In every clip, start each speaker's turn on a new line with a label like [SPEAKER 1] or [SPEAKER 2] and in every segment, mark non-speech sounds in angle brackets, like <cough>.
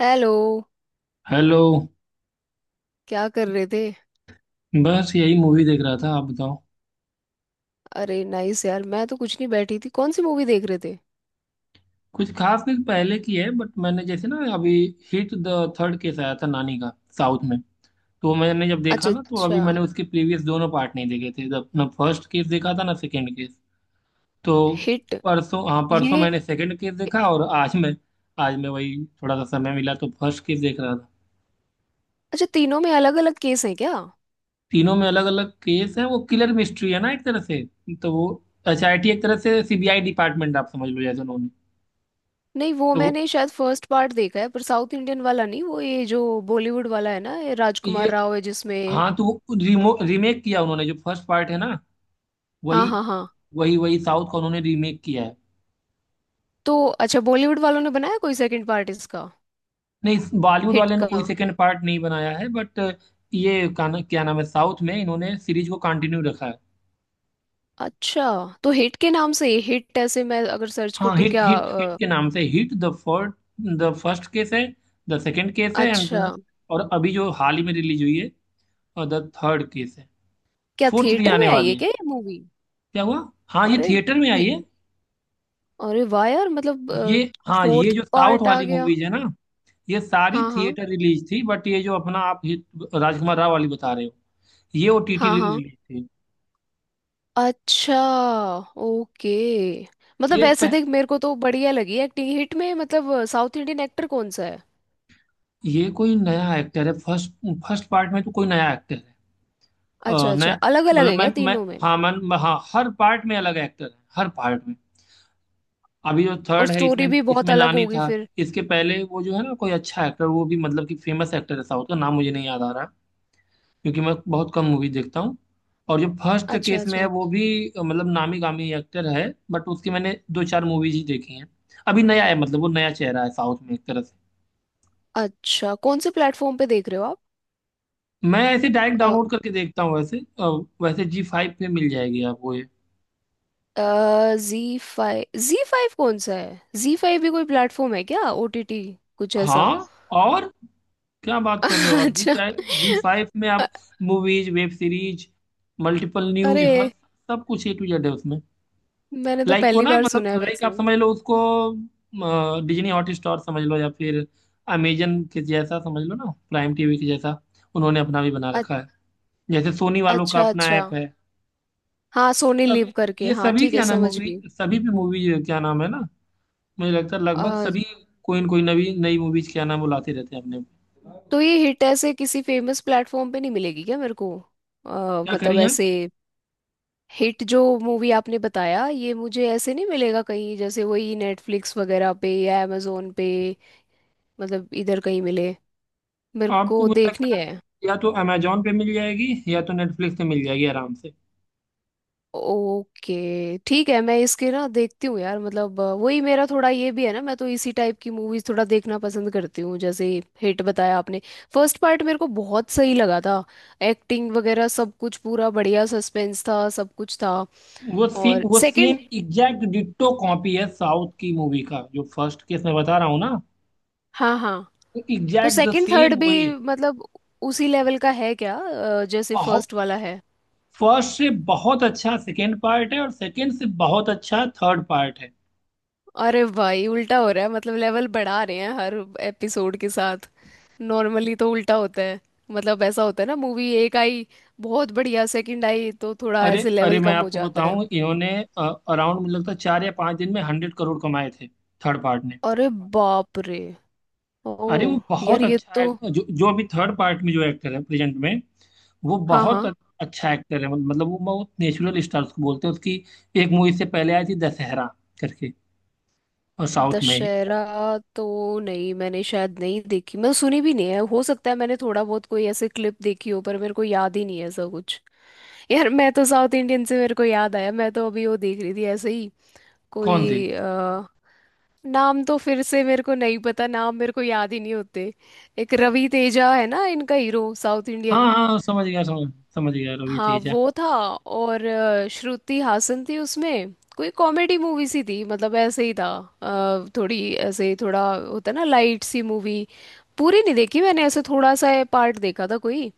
[SPEAKER 1] Hello.
[SPEAKER 2] Hello.
[SPEAKER 1] क्या कर रहे थे?
[SPEAKER 2] बस यही मूवी देख रहा था। आप बताओ।
[SPEAKER 1] अरे नाइस यार। मैं तो कुछ नहीं बैठी थी। कौन सी मूवी देख रहे थे?
[SPEAKER 2] कुछ खास नहीं, पहले की है बट मैंने जैसे ना अभी हिट द थर्ड केस आया था, नानी का, साउथ में। तो मैंने जब देखा
[SPEAKER 1] अच्छा
[SPEAKER 2] ना तो अभी
[SPEAKER 1] अच्छा।
[SPEAKER 2] मैंने उसके प्रीवियस दोनों पार्ट नहीं देखे थे, जब ना फर्स्ट केस देखा था ना सेकंड केस। तो
[SPEAKER 1] हिट
[SPEAKER 2] परसों, हाँ परसों
[SPEAKER 1] ये।
[SPEAKER 2] मैंने सेकंड केस देखा। और आज मैं वही, थोड़ा सा समय मिला तो फर्स्ट केस देख रहा था।
[SPEAKER 1] अच्छा, तीनों में अलग अलग केस हैं क्या?
[SPEAKER 2] तीनों में अलग अलग केस है। वो किलर मिस्ट्री है ना एक तरह से, तो वो एसआईटी एक तरह से सीबीआई डिपार्टमेंट, आप समझ लो जैसे उन्होंने।
[SPEAKER 1] नहीं वो
[SPEAKER 2] तो वो
[SPEAKER 1] मैंने शायद फर्स्ट पार्ट देखा है, पर साउथ इंडियन वाला नहीं। वो ये जो बॉलीवुड वाला है ना, ये राजकुमार
[SPEAKER 2] ये
[SPEAKER 1] राव है जिसमें।
[SPEAKER 2] हाँ, तो वो रिमो रीमेक किया उन्होंने जो फर्स्ट पार्ट है ना,
[SPEAKER 1] हाँ
[SPEAKER 2] वही
[SPEAKER 1] हाँ हाँ।
[SPEAKER 2] वही वही साउथ का उन्होंने रीमेक किया है।
[SPEAKER 1] तो अच्छा, बॉलीवुड वालों ने बनाया कोई सेकंड पार्ट इसका?
[SPEAKER 2] नहीं, बॉलीवुड
[SPEAKER 1] हिट
[SPEAKER 2] वाले ने कोई
[SPEAKER 1] का?
[SPEAKER 2] सेकंड पार्ट नहीं बनाया है बट ये का ना, क्या नाम है, साउथ में इन्होंने सीरीज को कंटिन्यू रखा है।
[SPEAKER 1] अच्छा। तो हिट के नाम से ये, हिट ऐसे मैं अगर सर्च कर
[SPEAKER 2] हाँ,
[SPEAKER 1] दूं
[SPEAKER 2] हिट
[SPEAKER 1] क्या?
[SPEAKER 2] हिट हिट के नाम से hit the first, the first case है, द सेकंड केस है, एंड
[SPEAKER 1] अच्छा।
[SPEAKER 2] और अभी जो हाल ही में रिलीज हुई है और द थर्ड केस है।
[SPEAKER 1] क्या
[SPEAKER 2] फोर्थ भी
[SPEAKER 1] थिएटर में
[SPEAKER 2] आने
[SPEAKER 1] आई है
[SPEAKER 2] वाली है।
[SPEAKER 1] क्या ये मूवी?
[SPEAKER 2] क्या हुआ? हाँ, ये
[SPEAKER 1] अरे!
[SPEAKER 2] थिएटर में आई है।
[SPEAKER 1] अरे वाह यार, मतलब
[SPEAKER 2] ये, हाँ, ये
[SPEAKER 1] फोर्थ
[SPEAKER 2] जो साउथ
[SPEAKER 1] पार्ट आ
[SPEAKER 2] वाली
[SPEAKER 1] गया!
[SPEAKER 2] मूवीज है ना, ये सारी
[SPEAKER 1] हाँ हाँ
[SPEAKER 2] थिएटर रिलीज थी। बट ये जो अपना आप हिट राजकुमार राव वाली बता रहे हो, ये ओटीटी
[SPEAKER 1] हाँ हाँ।
[SPEAKER 2] रिलीज थी।
[SPEAKER 1] अच्छा। ओके। मतलब
[SPEAKER 2] ये
[SPEAKER 1] वैसे
[SPEAKER 2] पह,
[SPEAKER 1] देख, मेरे को तो बढ़िया लगी एक्टिंग हिट में। मतलब साउथ इंडियन एक्टर कौन सा है?
[SPEAKER 2] ये कोई नया एक्टर है। फर्स्ट फर्स्ट पार्ट में तो कोई नया एक्टर है,
[SPEAKER 1] अच्छा अच्छा।
[SPEAKER 2] नया।
[SPEAKER 1] अलग अलग
[SPEAKER 2] मतलब
[SPEAKER 1] है क्या
[SPEAKER 2] मैं
[SPEAKER 1] तीनों में?
[SPEAKER 2] हाँ हर पार्ट में अलग एक्टर है, हर पार्ट में। अभी जो
[SPEAKER 1] और
[SPEAKER 2] थर्ड है इसमें
[SPEAKER 1] स्टोरी भी बहुत
[SPEAKER 2] इसमें
[SPEAKER 1] अलग
[SPEAKER 2] नानी
[SPEAKER 1] होगी
[SPEAKER 2] था।
[SPEAKER 1] फिर।
[SPEAKER 2] इसके पहले वो, जो है ना कोई अच्छा एक्टर वो भी, मतलब कि फेमस एक्टर है साउथ का, नाम मुझे नहीं याद आ रहा है। क्योंकि मैं बहुत कम मूवी देखता हूँ। और जो फर्स्ट
[SPEAKER 1] अच्छा।
[SPEAKER 2] केस में है
[SPEAKER 1] अच्छा।
[SPEAKER 2] वो भी, मतलब नामी गामी एक्टर है, बट उसकी मैंने दो चार मूवीज ही देखी हैं। अभी नया है, मतलब वो नया चेहरा है साउथ में एक तरह से।
[SPEAKER 1] अच्छा, कौन से प्लेटफॉर्म पे देख रहे हो
[SPEAKER 2] मैं ऐसे डायरेक्ट
[SPEAKER 1] आप?
[SPEAKER 2] डाउनलोड करके देखता हूँ वैसे वैसे जी फाइव पे मिल जाएगी आपको ये।
[SPEAKER 1] Zee five? जी फाइव कौन सा है? जी फाइव भी कोई प्लेटफॉर्म है क्या, ओटीटी कुछ ऐसा?
[SPEAKER 2] हाँ और, क्या बात
[SPEAKER 1] <laughs>
[SPEAKER 2] कर रहे हो आप जी।
[SPEAKER 1] अच्छा।
[SPEAKER 2] जी फाइव में आप
[SPEAKER 1] अ-
[SPEAKER 2] movies, web series, multiple news,
[SPEAKER 1] अरे!
[SPEAKER 2] हर सब कुछ ए टू जेड है उसमें।
[SPEAKER 1] मैंने तो
[SPEAKER 2] लाइक को
[SPEAKER 1] पहली
[SPEAKER 2] ना,
[SPEAKER 1] बार
[SPEAKER 2] मतलब
[SPEAKER 1] सुना है
[SPEAKER 2] लाइक आप
[SPEAKER 1] वैसे।
[SPEAKER 2] समझ लो उसको, डिज्नी हॉटस्टार समझ लो या फिर अमेजन के जैसा समझ लो ना, प्राइम टीवी के जैसा। उन्होंने अपना भी बना
[SPEAKER 1] अ-
[SPEAKER 2] रखा है, जैसे सोनी वालों का
[SPEAKER 1] अच्छा
[SPEAKER 2] अपना
[SPEAKER 1] अच्छा।
[SPEAKER 2] ऐप है।
[SPEAKER 1] हाँ सोनी
[SPEAKER 2] सब,
[SPEAKER 1] लिव करके,
[SPEAKER 2] ये
[SPEAKER 1] हाँ
[SPEAKER 2] सभी
[SPEAKER 1] ठीक है,
[SPEAKER 2] क्या नाम
[SPEAKER 1] समझ
[SPEAKER 2] मूवी
[SPEAKER 1] गई।
[SPEAKER 2] सभी भी मूवी क्या नाम है ना, मुझे लगता है लगभग
[SPEAKER 1] अ,
[SPEAKER 2] सभी कोई न कोई नवी नई मूवीज क्या नाम बुलाते रहते हैं अपने।
[SPEAKER 1] तो ये हिट ऐसे किसी फेमस प्लेटफॉर्म पे नहीं मिलेगी क्या मेरे को?
[SPEAKER 2] क्या
[SPEAKER 1] मतलब
[SPEAKER 2] करिए।
[SPEAKER 1] ऐसे, हिट जो मूवी आपने बताया, ये मुझे ऐसे नहीं मिलेगा कहीं? जैसे वही नेटफ्लिक्स वगैरह पे या amazon पे, मतलब इधर कहीं मिले? मेरे
[SPEAKER 2] आपको
[SPEAKER 1] को
[SPEAKER 2] मुझे
[SPEAKER 1] देखनी
[SPEAKER 2] लगता है
[SPEAKER 1] है।
[SPEAKER 2] या तो अमेजोन पे मिल जाएगी या तो नेटफ्लिक्स पे मिल जाएगी आराम से।
[SPEAKER 1] ओके ठीक है, मैं इसके ना देखती हूँ यार। मतलब वही मेरा थोड़ा ये भी है ना, मैं तो इसी टाइप की मूवीज थोड़ा देखना पसंद करती हूँ, जैसे हिट बताया आपने, फर्स्ट पार्ट मेरे को बहुत सही लगा था। एक्टिंग वगैरह सब कुछ पूरा बढ़िया, सस्पेंस था, सब कुछ था।
[SPEAKER 2] वो सेम
[SPEAKER 1] और
[SPEAKER 2] वो same
[SPEAKER 1] second?
[SPEAKER 2] Exact ditto copy है साउथ की मूवी का, जो फर्स्ट केस मैं बता रहा हूँ ना,
[SPEAKER 1] हाँ हाँ। तो
[SPEAKER 2] exact the
[SPEAKER 1] second third
[SPEAKER 2] same वही
[SPEAKER 1] भी
[SPEAKER 2] है।
[SPEAKER 1] मतलब उसी लेवल का है क्या, जैसे
[SPEAKER 2] बहुत,
[SPEAKER 1] फर्स्ट वाला है?
[SPEAKER 2] फर्स्ट से बहुत अच्छा सेकेंड पार्ट है और सेकेंड से बहुत अच्छा थर्ड पार्ट है।
[SPEAKER 1] अरे भाई उल्टा हो रहा है मतलब, लेवल बढ़ा रहे हैं हर एपिसोड के साथ। नॉर्मली तो उल्टा होता है। मतलब ऐसा होता है ना, मूवी एक आई बहुत बढ़िया, सेकंड आई तो थोड़ा
[SPEAKER 2] अरे
[SPEAKER 1] ऐसे
[SPEAKER 2] अरे
[SPEAKER 1] लेवल
[SPEAKER 2] मैं
[SPEAKER 1] कम हो
[SPEAKER 2] आपको
[SPEAKER 1] जाता है।
[SPEAKER 2] बताऊं, इन्होंने अराउंड, मुझे लगता है 4 या 5 दिन में 100 करोड़ कमाए थे, थर्ड पार्ट ने।
[SPEAKER 1] अरे! बाप रे! ओ!
[SPEAKER 2] अरे वो
[SPEAKER 1] यार
[SPEAKER 2] बहुत
[SPEAKER 1] ये
[SPEAKER 2] अच्छा
[SPEAKER 1] तो!
[SPEAKER 2] है जो जो अभी थर्ड पार्ट में जो एक्टर है प्रेजेंट में। वो
[SPEAKER 1] हाँ
[SPEAKER 2] बहुत
[SPEAKER 1] हाँ।
[SPEAKER 2] अ- अच्छा एक्टर है, मतलब वो बहुत नेचुरल स्टार उसको बोलते हैं। उसकी एक मूवी से पहले आई थी, दशहरा करके, और साउथ में ही।
[SPEAKER 1] दशहरा? तो नहीं, मैंने शायद नहीं देखी, मैं सुनी भी नहीं है। हो सकता है मैंने थोड़ा बहुत कोई ऐसे क्लिप देखी हो, पर मेरे को याद ही नहीं है ऐसा कुछ। यार मैं तो, साउथ इंडियन से मेरे को याद आया, मैं तो अभी वो देख रही थी ऐसे ही
[SPEAKER 2] कौन सी?
[SPEAKER 1] कोई। नाम तो फिर से मेरे को नहीं पता, नाम मेरे को याद ही नहीं होते। एक रवि तेजा है ना, इनका हीरो साउथ
[SPEAKER 2] हाँ
[SPEAKER 1] इंडियन।
[SPEAKER 2] हाँ हाँ, समझ गया रवि
[SPEAKER 1] हाँ
[SPEAKER 2] तेजा।
[SPEAKER 1] वो था, और श्रुति हासन थी उसमें। कोई कॉमेडी मूवी सी थी, मतलब ऐसे ही था। थोड़ी ऐसे, थोड़ा होता है ना लाइट सी मूवी। पूरी नहीं देखी मैंने, ऐसे थोड़ा सा पार्ट देखा था कोई।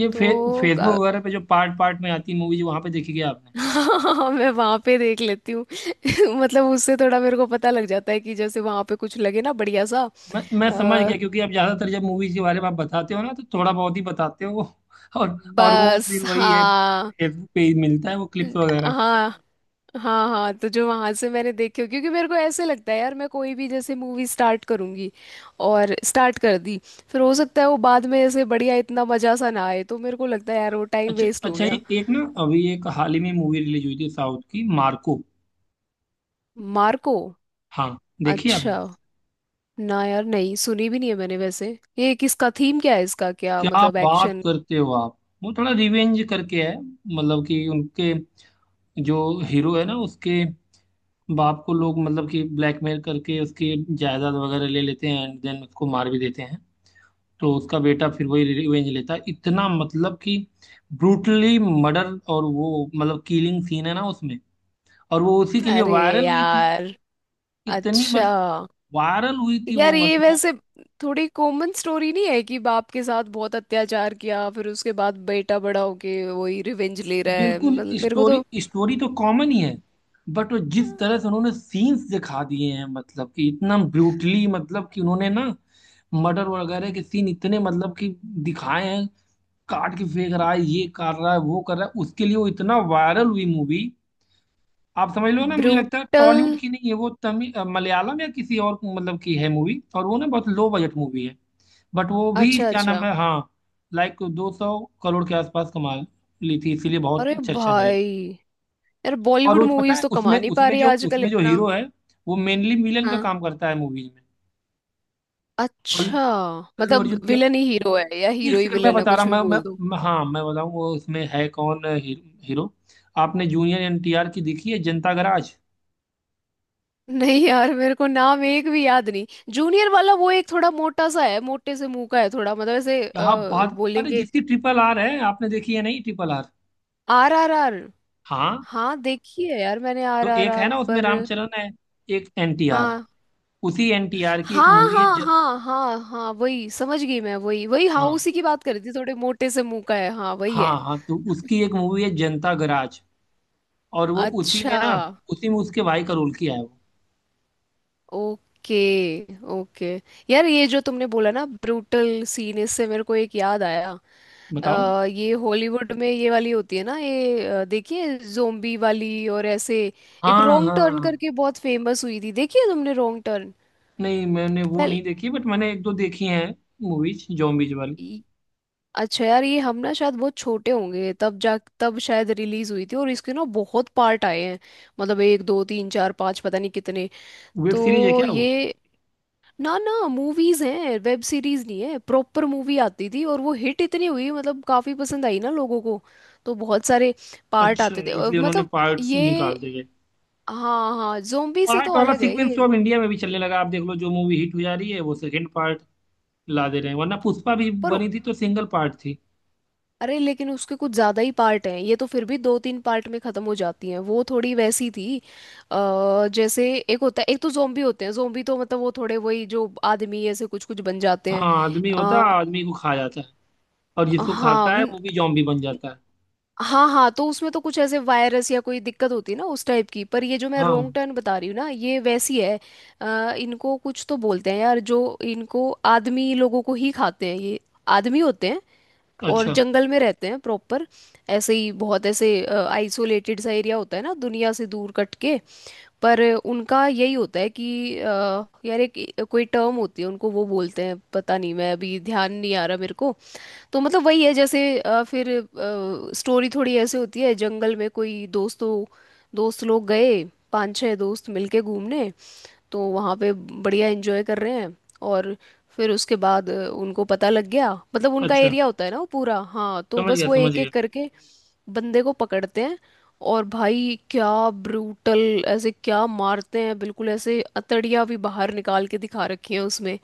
[SPEAKER 2] ये फे,
[SPEAKER 1] तो
[SPEAKER 2] फेसबुक
[SPEAKER 1] अ,
[SPEAKER 2] वगैरह पे जो पार्ट पार्ट में आती मूवीज वहां पे देखी गया आपने?
[SPEAKER 1] <laughs> हाँ, मैं वहां पे देख लेती हूँ। <laughs> मतलब उससे थोड़ा मेरे को पता लग जाता है कि जैसे वहां पे कुछ लगे ना बढ़िया सा,
[SPEAKER 2] मैं समझ गया, क्योंकि आप ज्यादातर जब मूवीज के बारे में आप बताते हो ना तो थोड़ा बहुत ही बताते हो। <laughs> और वो
[SPEAKER 1] बस।
[SPEAKER 2] फिर वही है,
[SPEAKER 1] हाँ
[SPEAKER 2] फेसबुक पे ही मिलता है वो, क्लिप्स वगैरह।
[SPEAKER 1] हाँ। हाँ हाँ। तो जो वहां से मैंने देखे, क्योंकि मेरे को ऐसे लगता है यार, मैं कोई भी जैसे मूवी स्टार्ट करूंगी और स्टार्ट कर दी, फिर हो सकता है वो बाद में ऐसे बढ़िया, इतना मजा सा ना आए, तो मेरे को लगता है यार वो टाइम
[SPEAKER 2] अच्छा
[SPEAKER 1] वेस्ट हो
[SPEAKER 2] अच्छा, ये
[SPEAKER 1] गया।
[SPEAKER 2] एक ना अभी एक हाल ही में मूवी रिलीज हुई थी साउथ की, मार्को,
[SPEAKER 1] मार्को?
[SPEAKER 2] हाँ। देखी
[SPEAKER 1] अच्छा।
[SPEAKER 2] आपने?
[SPEAKER 1] ना यार, नहीं सुनी भी नहीं है मैंने वैसे। ये किसका, थीम क्या है इसका, क्या
[SPEAKER 2] क्या
[SPEAKER 1] मतलब
[SPEAKER 2] बात
[SPEAKER 1] एक्शन?
[SPEAKER 2] करते हो आप। वो थोड़ा रिवेंज करके है, मतलब कि उनके जो हीरो है ना उसके बाप को लोग मतलब कि ब्लैकमेल करके उसकी जायदाद वगैरह ले लेते हैं एंड देन उसको मार भी देते हैं। तो उसका बेटा फिर वही रिवेंज लेता है, इतना मतलब कि ब्रूटली मर्डर, और वो मतलब किलिंग सीन है ना उसमें, और वो उसी के लिए
[SPEAKER 1] अरे!
[SPEAKER 2] वायरल हुई थी।
[SPEAKER 1] यार!
[SPEAKER 2] इतनी
[SPEAKER 1] अच्छा।
[SPEAKER 2] मतलब, वायरल हुई थी वो
[SPEAKER 1] यार ये
[SPEAKER 2] मतलब,
[SPEAKER 1] वैसे थोड़ी कॉमन स्टोरी नहीं है कि बाप के साथ बहुत अत्याचार किया, फिर उसके बाद बेटा बड़ा होके वही रिवेंज ले रहा है,
[SPEAKER 2] बिल्कुल।
[SPEAKER 1] मतलब मेरे को
[SPEAKER 2] स्टोरी
[SPEAKER 1] तो।
[SPEAKER 2] स्टोरी तो कॉमन ही है, बट वो जिस तरह से उन्होंने सीन्स दिखा दिए हैं, मतलब कि इतना ब्रूटली, मतलब कि उन्होंने ना मर्डर वगैरह के सीन इतने मतलब कि दिखाए हैं, काट के फेंक रहा है, ये कर रहा है, वो कर रहा है, उसके लिए वो इतना वायरल हुई मूवी। आप समझ लो ना, मुझे लगता है
[SPEAKER 1] ब्रूटल।
[SPEAKER 2] टॉलीवुड की नहीं है वो, तमिल मलयालम या किसी और मतलब की है मूवी, और वो ना बहुत लो बजट मूवी है, बट वो भी
[SPEAKER 1] अच्छा
[SPEAKER 2] क्या
[SPEAKER 1] अच्छा।
[SPEAKER 2] नाम है, हाँ, लाइक 200 करोड़ के आसपास कमा ली थी, इसीलिए बहुत
[SPEAKER 1] अरे
[SPEAKER 2] चर्चा में आई।
[SPEAKER 1] भाई! यार
[SPEAKER 2] और
[SPEAKER 1] बॉलीवुड
[SPEAKER 2] वो पता
[SPEAKER 1] मूवीज
[SPEAKER 2] है
[SPEAKER 1] तो कमा
[SPEAKER 2] उसमें
[SPEAKER 1] नहीं पा रही है आजकल
[SPEAKER 2] उसमें जो
[SPEAKER 1] इतना।
[SPEAKER 2] हीरो है वो मेनली विलन का
[SPEAKER 1] हाँ।
[SPEAKER 2] काम करता है मूवीज में। अल्लू
[SPEAKER 1] अच्छा।
[SPEAKER 2] अल्लू
[SPEAKER 1] मतलब
[SPEAKER 2] अर्जुन के।
[SPEAKER 1] विलन ही हीरो है या
[SPEAKER 2] एक
[SPEAKER 1] हीरो ही
[SPEAKER 2] सेकंड में
[SPEAKER 1] विलन है,
[SPEAKER 2] बता रहा
[SPEAKER 1] कुछ
[SPEAKER 2] हूँ
[SPEAKER 1] भी
[SPEAKER 2] मैं,
[SPEAKER 1] बोल दो।
[SPEAKER 2] हाँ मैं बताऊँ वो उसमें है कौन हीरो, हीरो। आपने जूनियर एनटीआर की देखी है, जनता गराज?
[SPEAKER 1] नहीं यार, मेरे को नाम एक भी याद नहीं। जूनियर वाला वो एक थोड़ा मोटा सा है, मोटे से मुंह का है थोड़ा, मतलब ऐसे,
[SPEAKER 2] क्या बात! अरे
[SPEAKER 1] बोलेंगे।
[SPEAKER 2] जिसकी ट्रिपल आर है आपने देखी है, नहीं, triple R?
[SPEAKER 1] R R R?
[SPEAKER 2] हाँ।
[SPEAKER 1] हाँ देखी है यार मैंने आर
[SPEAKER 2] तो
[SPEAKER 1] आर
[SPEAKER 2] एक है
[SPEAKER 1] आर,
[SPEAKER 2] ना उसमें
[SPEAKER 1] पर।
[SPEAKER 2] रामचरण है, एक एनटीआर है,
[SPEAKER 1] हाँ
[SPEAKER 2] उसी एनटीआर की एक
[SPEAKER 1] हाँ
[SPEAKER 2] मूवी है
[SPEAKER 1] हाँ
[SPEAKER 2] ज...।
[SPEAKER 1] हाँ हाँ हाँ, वही समझ गई मैं, वही वही, हाँ
[SPEAKER 2] हाँ
[SPEAKER 1] उसी की बात कर रही थी, थोड़े मोटे से मुंह का है, हाँ वही है।
[SPEAKER 2] हाँ हाँ, तो उसकी एक मूवी है जनता गराज। और वो उसी में
[SPEAKER 1] अच्छा।
[SPEAKER 2] ना उसी में उसके भाई का रोल किया है वो।
[SPEAKER 1] ओके। ओके। यार ये जो तुमने बोला ना ब्रूटल सीन, इससे मेरे को एक याद आया।
[SPEAKER 2] बताओ।
[SPEAKER 1] ये हॉलीवुड में ये वाली होती है ना ये, देखिए, जोम्बी वाली और ऐसे। एक
[SPEAKER 2] हाँ
[SPEAKER 1] रॉन्ग टर्न
[SPEAKER 2] हाँ।
[SPEAKER 1] करके बहुत फेमस हुई थी, देखिए तुमने रॉन्ग टर्न
[SPEAKER 2] नहीं, मैंने वो
[SPEAKER 1] पहले?
[SPEAKER 2] नहीं देखी बट मैंने एक दो देखी हैं मूवीज जॉम्बीज वाली।
[SPEAKER 1] अच्छा यार, ये हम ना शायद बहुत छोटे होंगे तब, जा तब शायद रिलीज हुई थी, और इसके ना बहुत पार्ट आए हैं। मतलब एक दो तीन चार पाँच, पता नहीं कितने।
[SPEAKER 2] वेब सीरीज है
[SPEAKER 1] तो
[SPEAKER 2] क्या वो?
[SPEAKER 1] ये, ना ना, मूवीज हैं, वेब सीरीज नहीं है। प्रॉपर मूवी आती थी, और वो हिट इतनी हुई मतलब, काफी पसंद आई ना लोगों को, तो बहुत सारे पार्ट
[SPEAKER 2] अच्छा,
[SPEAKER 1] आते थे, और
[SPEAKER 2] इसलिए उन्होंने
[SPEAKER 1] मतलब
[SPEAKER 2] पार्ट्स
[SPEAKER 1] ये।
[SPEAKER 2] निकाल दिए।
[SPEAKER 1] हाँ हाँ। जोम्बी से तो
[SPEAKER 2] पार्ट वाला
[SPEAKER 1] अलग है
[SPEAKER 2] सीक्वेंस
[SPEAKER 1] ये,
[SPEAKER 2] तो अब इंडिया में भी चलने लगा, आप देख लो जो मूवी हिट हो जा रही है वो सेकंड पार्ट ला दे रहे हैं, वरना पुष्पा भी
[SPEAKER 1] पर।
[SPEAKER 2] बनी थी तो सिंगल पार्ट थी।
[SPEAKER 1] अरे, लेकिन उसके कुछ ज्यादा ही पार्ट हैं। ये तो फिर भी दो तीन पार्ट में खत्म हो जाती हैं, वो थोड़ी वैसी थी। जैसे एक होता है, एक तो जोम्बी होते हैं, जोम्बी तो मतलब वो थोड़े वही जो आदमी ऐसे कुछ कुछ बन जाते हैं।
[SPEAKER 2] हाँ, आदमी होता है
[SPEAKER 1] अ,
[SPEAKER 2] आदमी को खा जाता है, और जिसको
[SPEAKER 1] हाँ
[SPEAKER 2] खाता है वो भी जॉम्बी बन जाता है।
[SPEAKER 1] हाँ हाँ। तो उसमें तो कुछ ऐसे वायरस या कोई दिक्कत होती है ना उस टाइप की, पर ये जो मैं
[SPEAKER 2] हाँ।
[SPEAKER 1] रोंग टर्न बता रही हूँ ना, ये वैसी है। इनको कुछ तो बोलते हैं यार, जो इनको, आदमी लोगों को ही खाते हैं ये, आदमी होते हैं। और
[SPEAKER 2] अच्छा
[SPEAKER 1] जंगल में रहते हैं प्रॉपर, ऐसे ही बहुत ऐसे आइसोलेटेड सा एरिया होता है ना, दुनिया से दूर कट के। पर उनका यही होता है कि यार एक कोई टर्म होती है उनको, वो बोलते हैं पता नहीं, मैं अभी ध्यान नहीं आ रहा मेरे को। तो मतलब वही है, जैसे फिर स्टोरी थोड़ी ऐसे होती है, जंगल में कोई दोस्त लोग गए, पांच छह दोस्त मिलके घूमने। तो वहाँ पे बढ़िया एंजॉय कर रहे हैं, और फिर उसके बाद उनको पता लग गया, मतलब उनका
[SPEAKER 2] अच्छा,
[SPEAKER 1] एरिया होता है ना वो पूरा। हाँ, तो
[SPEAKER 2] समझ
[SPEAKER 1] बस
[SPEAKER 2] गया
[SPEAKER 1] वो
[SPEAKER 2] समझ
[SPEAKER 1] एक
[SPEAKER 2] गया
[SPEAKER 1] एक करके बंदे को पकड़ते हैं। और भाई क्या ब्रूटल! ऐसे क्या मारते हैं बिल्कुल, ऐसे अतड़ियाँ भी बाहर निकाल के दिखा रखी हैं उसमें।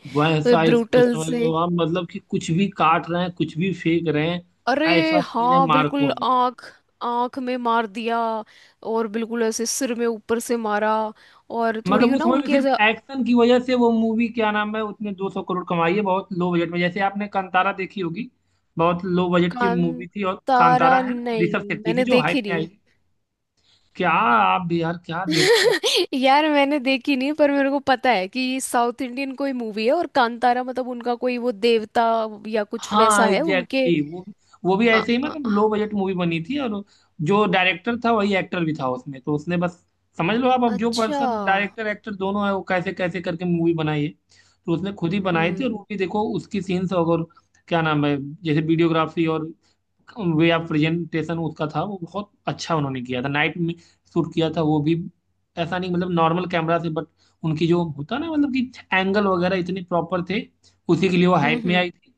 [SPEAKER 1] तो ये
[SPEAKER 2] वैसा, इसको
[SPEAKER 1] ब्रूटल
[SPEAKER 2] समझ लो
[SPEAKER 1] से!
[SPEAKER 2] आप, मतलब कि कुछ भी काट रहे हैं कुछ भी फेंक रहे हैं,
[SPEAKER 1] अरे!
[SPEAKER 2] ऐसा सीन है
[SPEAKER 1] हाँ
[SPEAKER 2] मार्को
[SPEAKER 1] बिल्कुल,
[SPEAKER 2] में।
[SPEAKER 1] आंख, आंख में मार दिया, और बिल्कुल ऐसे सिर में ऊपर से मारा, और थोड़ी
[SPEAKER 2] मतलब वो
[SPEAKER 1] ना
[SPEAKER 2] समझ लो,
[SPEAKER 1] उनकी ऐसा।
[SPEAKER 2] सिर्फ एक्शन की वजह से, वो मूवी क्या नाम है उसने 200 करोड़ कमाई है बहुत लो बजट में। जैसे आपने कांतारा देखी होगी, बहुत लो बजट की मूवी थी, और कांतारा
[SPEAKER 1] कांतारा
[SPEAKER 2] है ना ऋषभ
[SPEAKER 1] नहीं,
[SPEAKER 2] शेट्टी की
[SPEAKER 1] मैंने
[SPEAKER 2] जो हाइप
[SPEAKER 1] देखी
[SPEAKER 2] में आई
[SPEAKER 1] नहीं।
[SPEAKER 2] थी। क्या आप भी यार, क्या देखते।
[SPEAKER 1] <laughs> यार मैंने देखी नहीं, पर मेरे को पता है कि साउथ इंडियन कोई मूवी है, और कांतारा मतलब उनका कोई वो देवता या कुछ
[SPEAKER 2] हाँ
[SPEAKER 1] वैसा है उनके।
[SPEAKER 2] Exactly, Exactly. वो भी
[SPEAKER 1] अ-
[SPEAKER 2] ऐसे ही
[SPEAKER 1] अ-
[SPEAKER 2] मतलब
[SPEAKER 1] अ-
[SPEAKER 2] लो बजट मूवी बनी थी, और जो डायरेक्टर था वही एक्टर भी था उसमें, तो उसने बस, समझ लो आप, अब जो
[SPEAKER 1] अच्छा।
[SPEAKER 2] पर्सन डायरेक्टर एक्टर दोनों है वो कैसे कैसे करके मूवी बनाई है, तो उसने खुद ही बनाई थी। और
[SPEAKER 1] हम्म
[SPEAKER 2] वो भी देखो उसकी सीन्स और क्या नाम है, जैसे वीडियोग्राफी और वे ऑफ प्रेजेंटेशन उसका था वो बहुत अच्छा उन्होंने किया था। नाइट में शूट किया था वो भी, ऐसा नहीं, मतलब नॉर्मल कैमरा से, बट उनकी जो होता ना, मतलब कि एंगल वगैरह इतने प्रॉपर थे, उसी के लिए वो हाइप में
[SPEAKER 1] हम्म।
[SPEAKER 2] आई थी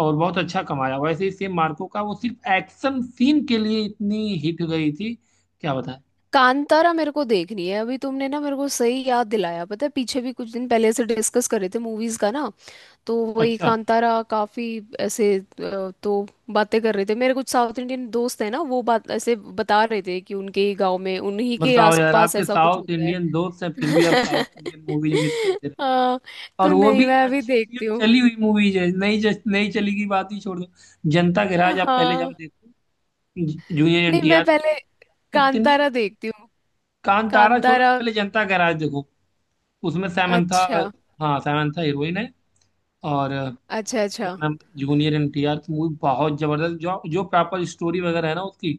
[SPEAKER 2] और बहुत अच्छा कमाया। वैसे ही सेम मार्को का वो सिर्फ एक्शन सीन के लिए इतनी हिट गई थी। क्या बताएं।
[SPEAKER 1] कांतारा मेरे को देखनी है अभी, तुमने ना मेरे को सही याद दिलाया, पता है पीछे भी कुछ दिन पहले से डिस्कस कर रहे थे मूवीज का ना। तो वही
[SPEAKER 2] अच्छा,
[SPEAKER 1] कांतारा काफी ऐसे, तो बातें कर रहे थे, मेरे कुछ साउथ इंडियन दोस्त हैं ना, वो बात ऐसे बता रहे थे कि उनके ही गांव में, उन्हीं के
[SPEAKER 2] बताओ यार,
[SPEAKER 1] आसपास
[SPEAKER 2] आपके
[SPEAKER 1] ऐसा कुछ
[SPEAKER 2] साउथ
[SPEAKER 1] होता है।
[SPEAKER 2] इंडियन दोस्त हैं फिर भी आप साउथ इंडियन मूवीज मिस
[SPEAKER 1] <laughs>
[SPEAKER 2] करते रहे।
[SPEAKER 1] हाँ।
[SPEAKER 2] और
[SPEAKER 1] तो
[SPEAKER 2] वो
[SPEAKER 1] नहीं,
[SPEAKER 2] भी
[SPEAKER 1] मैं अभी
[SPEAKER 2] अच्छी अच्छी जो
[SPEAKER 1] देखती हूँ।
[SPEAKER 2] चली हुई मूवीज है, नहीं जस नहीं चली की बात ही छोड़ दो। जनता के राज आप पहले जाओ
[SPEAKER 1] हाँ।
[SPEAKER 2] देखो, जूनियर
[SPEAKER 1] नहीं, मैं
[SPEAKER 2] एनटीआर।
[SPEAKER 1] पहले
[SPEAKER 2] इतनी,
[SPEAKER 1] कांतारा देखती हूँ।
[SPEAKER 2] कांतारा छोड़ो,
[SPEAKER 1] कांतारा।
[SPEAKER 2] पहले जनता के राज देखो। उसमें सैमंथा,
[SPEAKER 1] अच्छा
[SPEAKER 2] हाँ सैमंथा हीरोइन है। और
[SPEAKER 1] अच्छा। अच्छा
[SPEAKER 2] जूनियर एनटीआर की मूवी बहुत जबरदस्त, जो जो प्रॉपर स्टोरी वगैरह है ना उसकी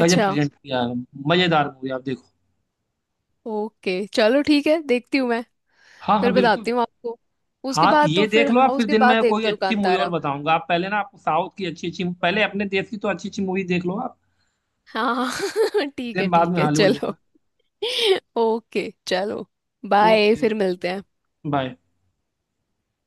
[SPEAKER 2] गजब
[SPEAKER 1] अच्छा।
[SPEAKER 2] प्रेजेंट किया है। मजेदार मूवी, आप देखो।
[SPEAKER 1] ओके चलो ठीक है, देखती हूँ मैं।
[SPEAKER 2] हाँ
[SPEAKER 1] फिर
[SPEAKER 2] हाँ बिल्कुल।
[SPEAKER 1] बताती हूँ आपको। उसके
[SPEAKER 2] हाँ,
[SPEAKER 1] बाद तो
[SPEAKER 2] ये
[SPEAKER 1] फिर,
[SPEAKER 2] देख लो
[SPEAKER 1] हाँ
[SPEAKER 2] आप, फिर
[SPEAKER 1] उसके
[SPEAKER 2] दिन
[SPEAKER 1] बाद
[SPEAKER 2] में कोई
[SPEAKER 1] देखती हूँ
[SPEAKER 2] अच्छी मूवी और
[SPEAKER 1] कांतारा।
[SPEAKER 2] बताऊंगा। आप पहले ना, आपको साउथ की अच्छी अच्छी, पहले अपने देश की तो अच्छी अच्छी मूवी देख लो आप।
[SPEAKER 1] हाँ। <laughs>
[SPEAKER 2] दिन बाद में
[SPEAKER 1] ठीक है
[SPEAKER 2] हॉलीवुड
[SPEAKER 1] चलो।
[SPEAKER 2] देखना।
[SPEAKER 1] <laughs> ओके चलो। बाय,
[SPEAKER 2] ओके
[SPEAKER 1] फिर मिलते हैं।
[SPEAKER 2] बाय।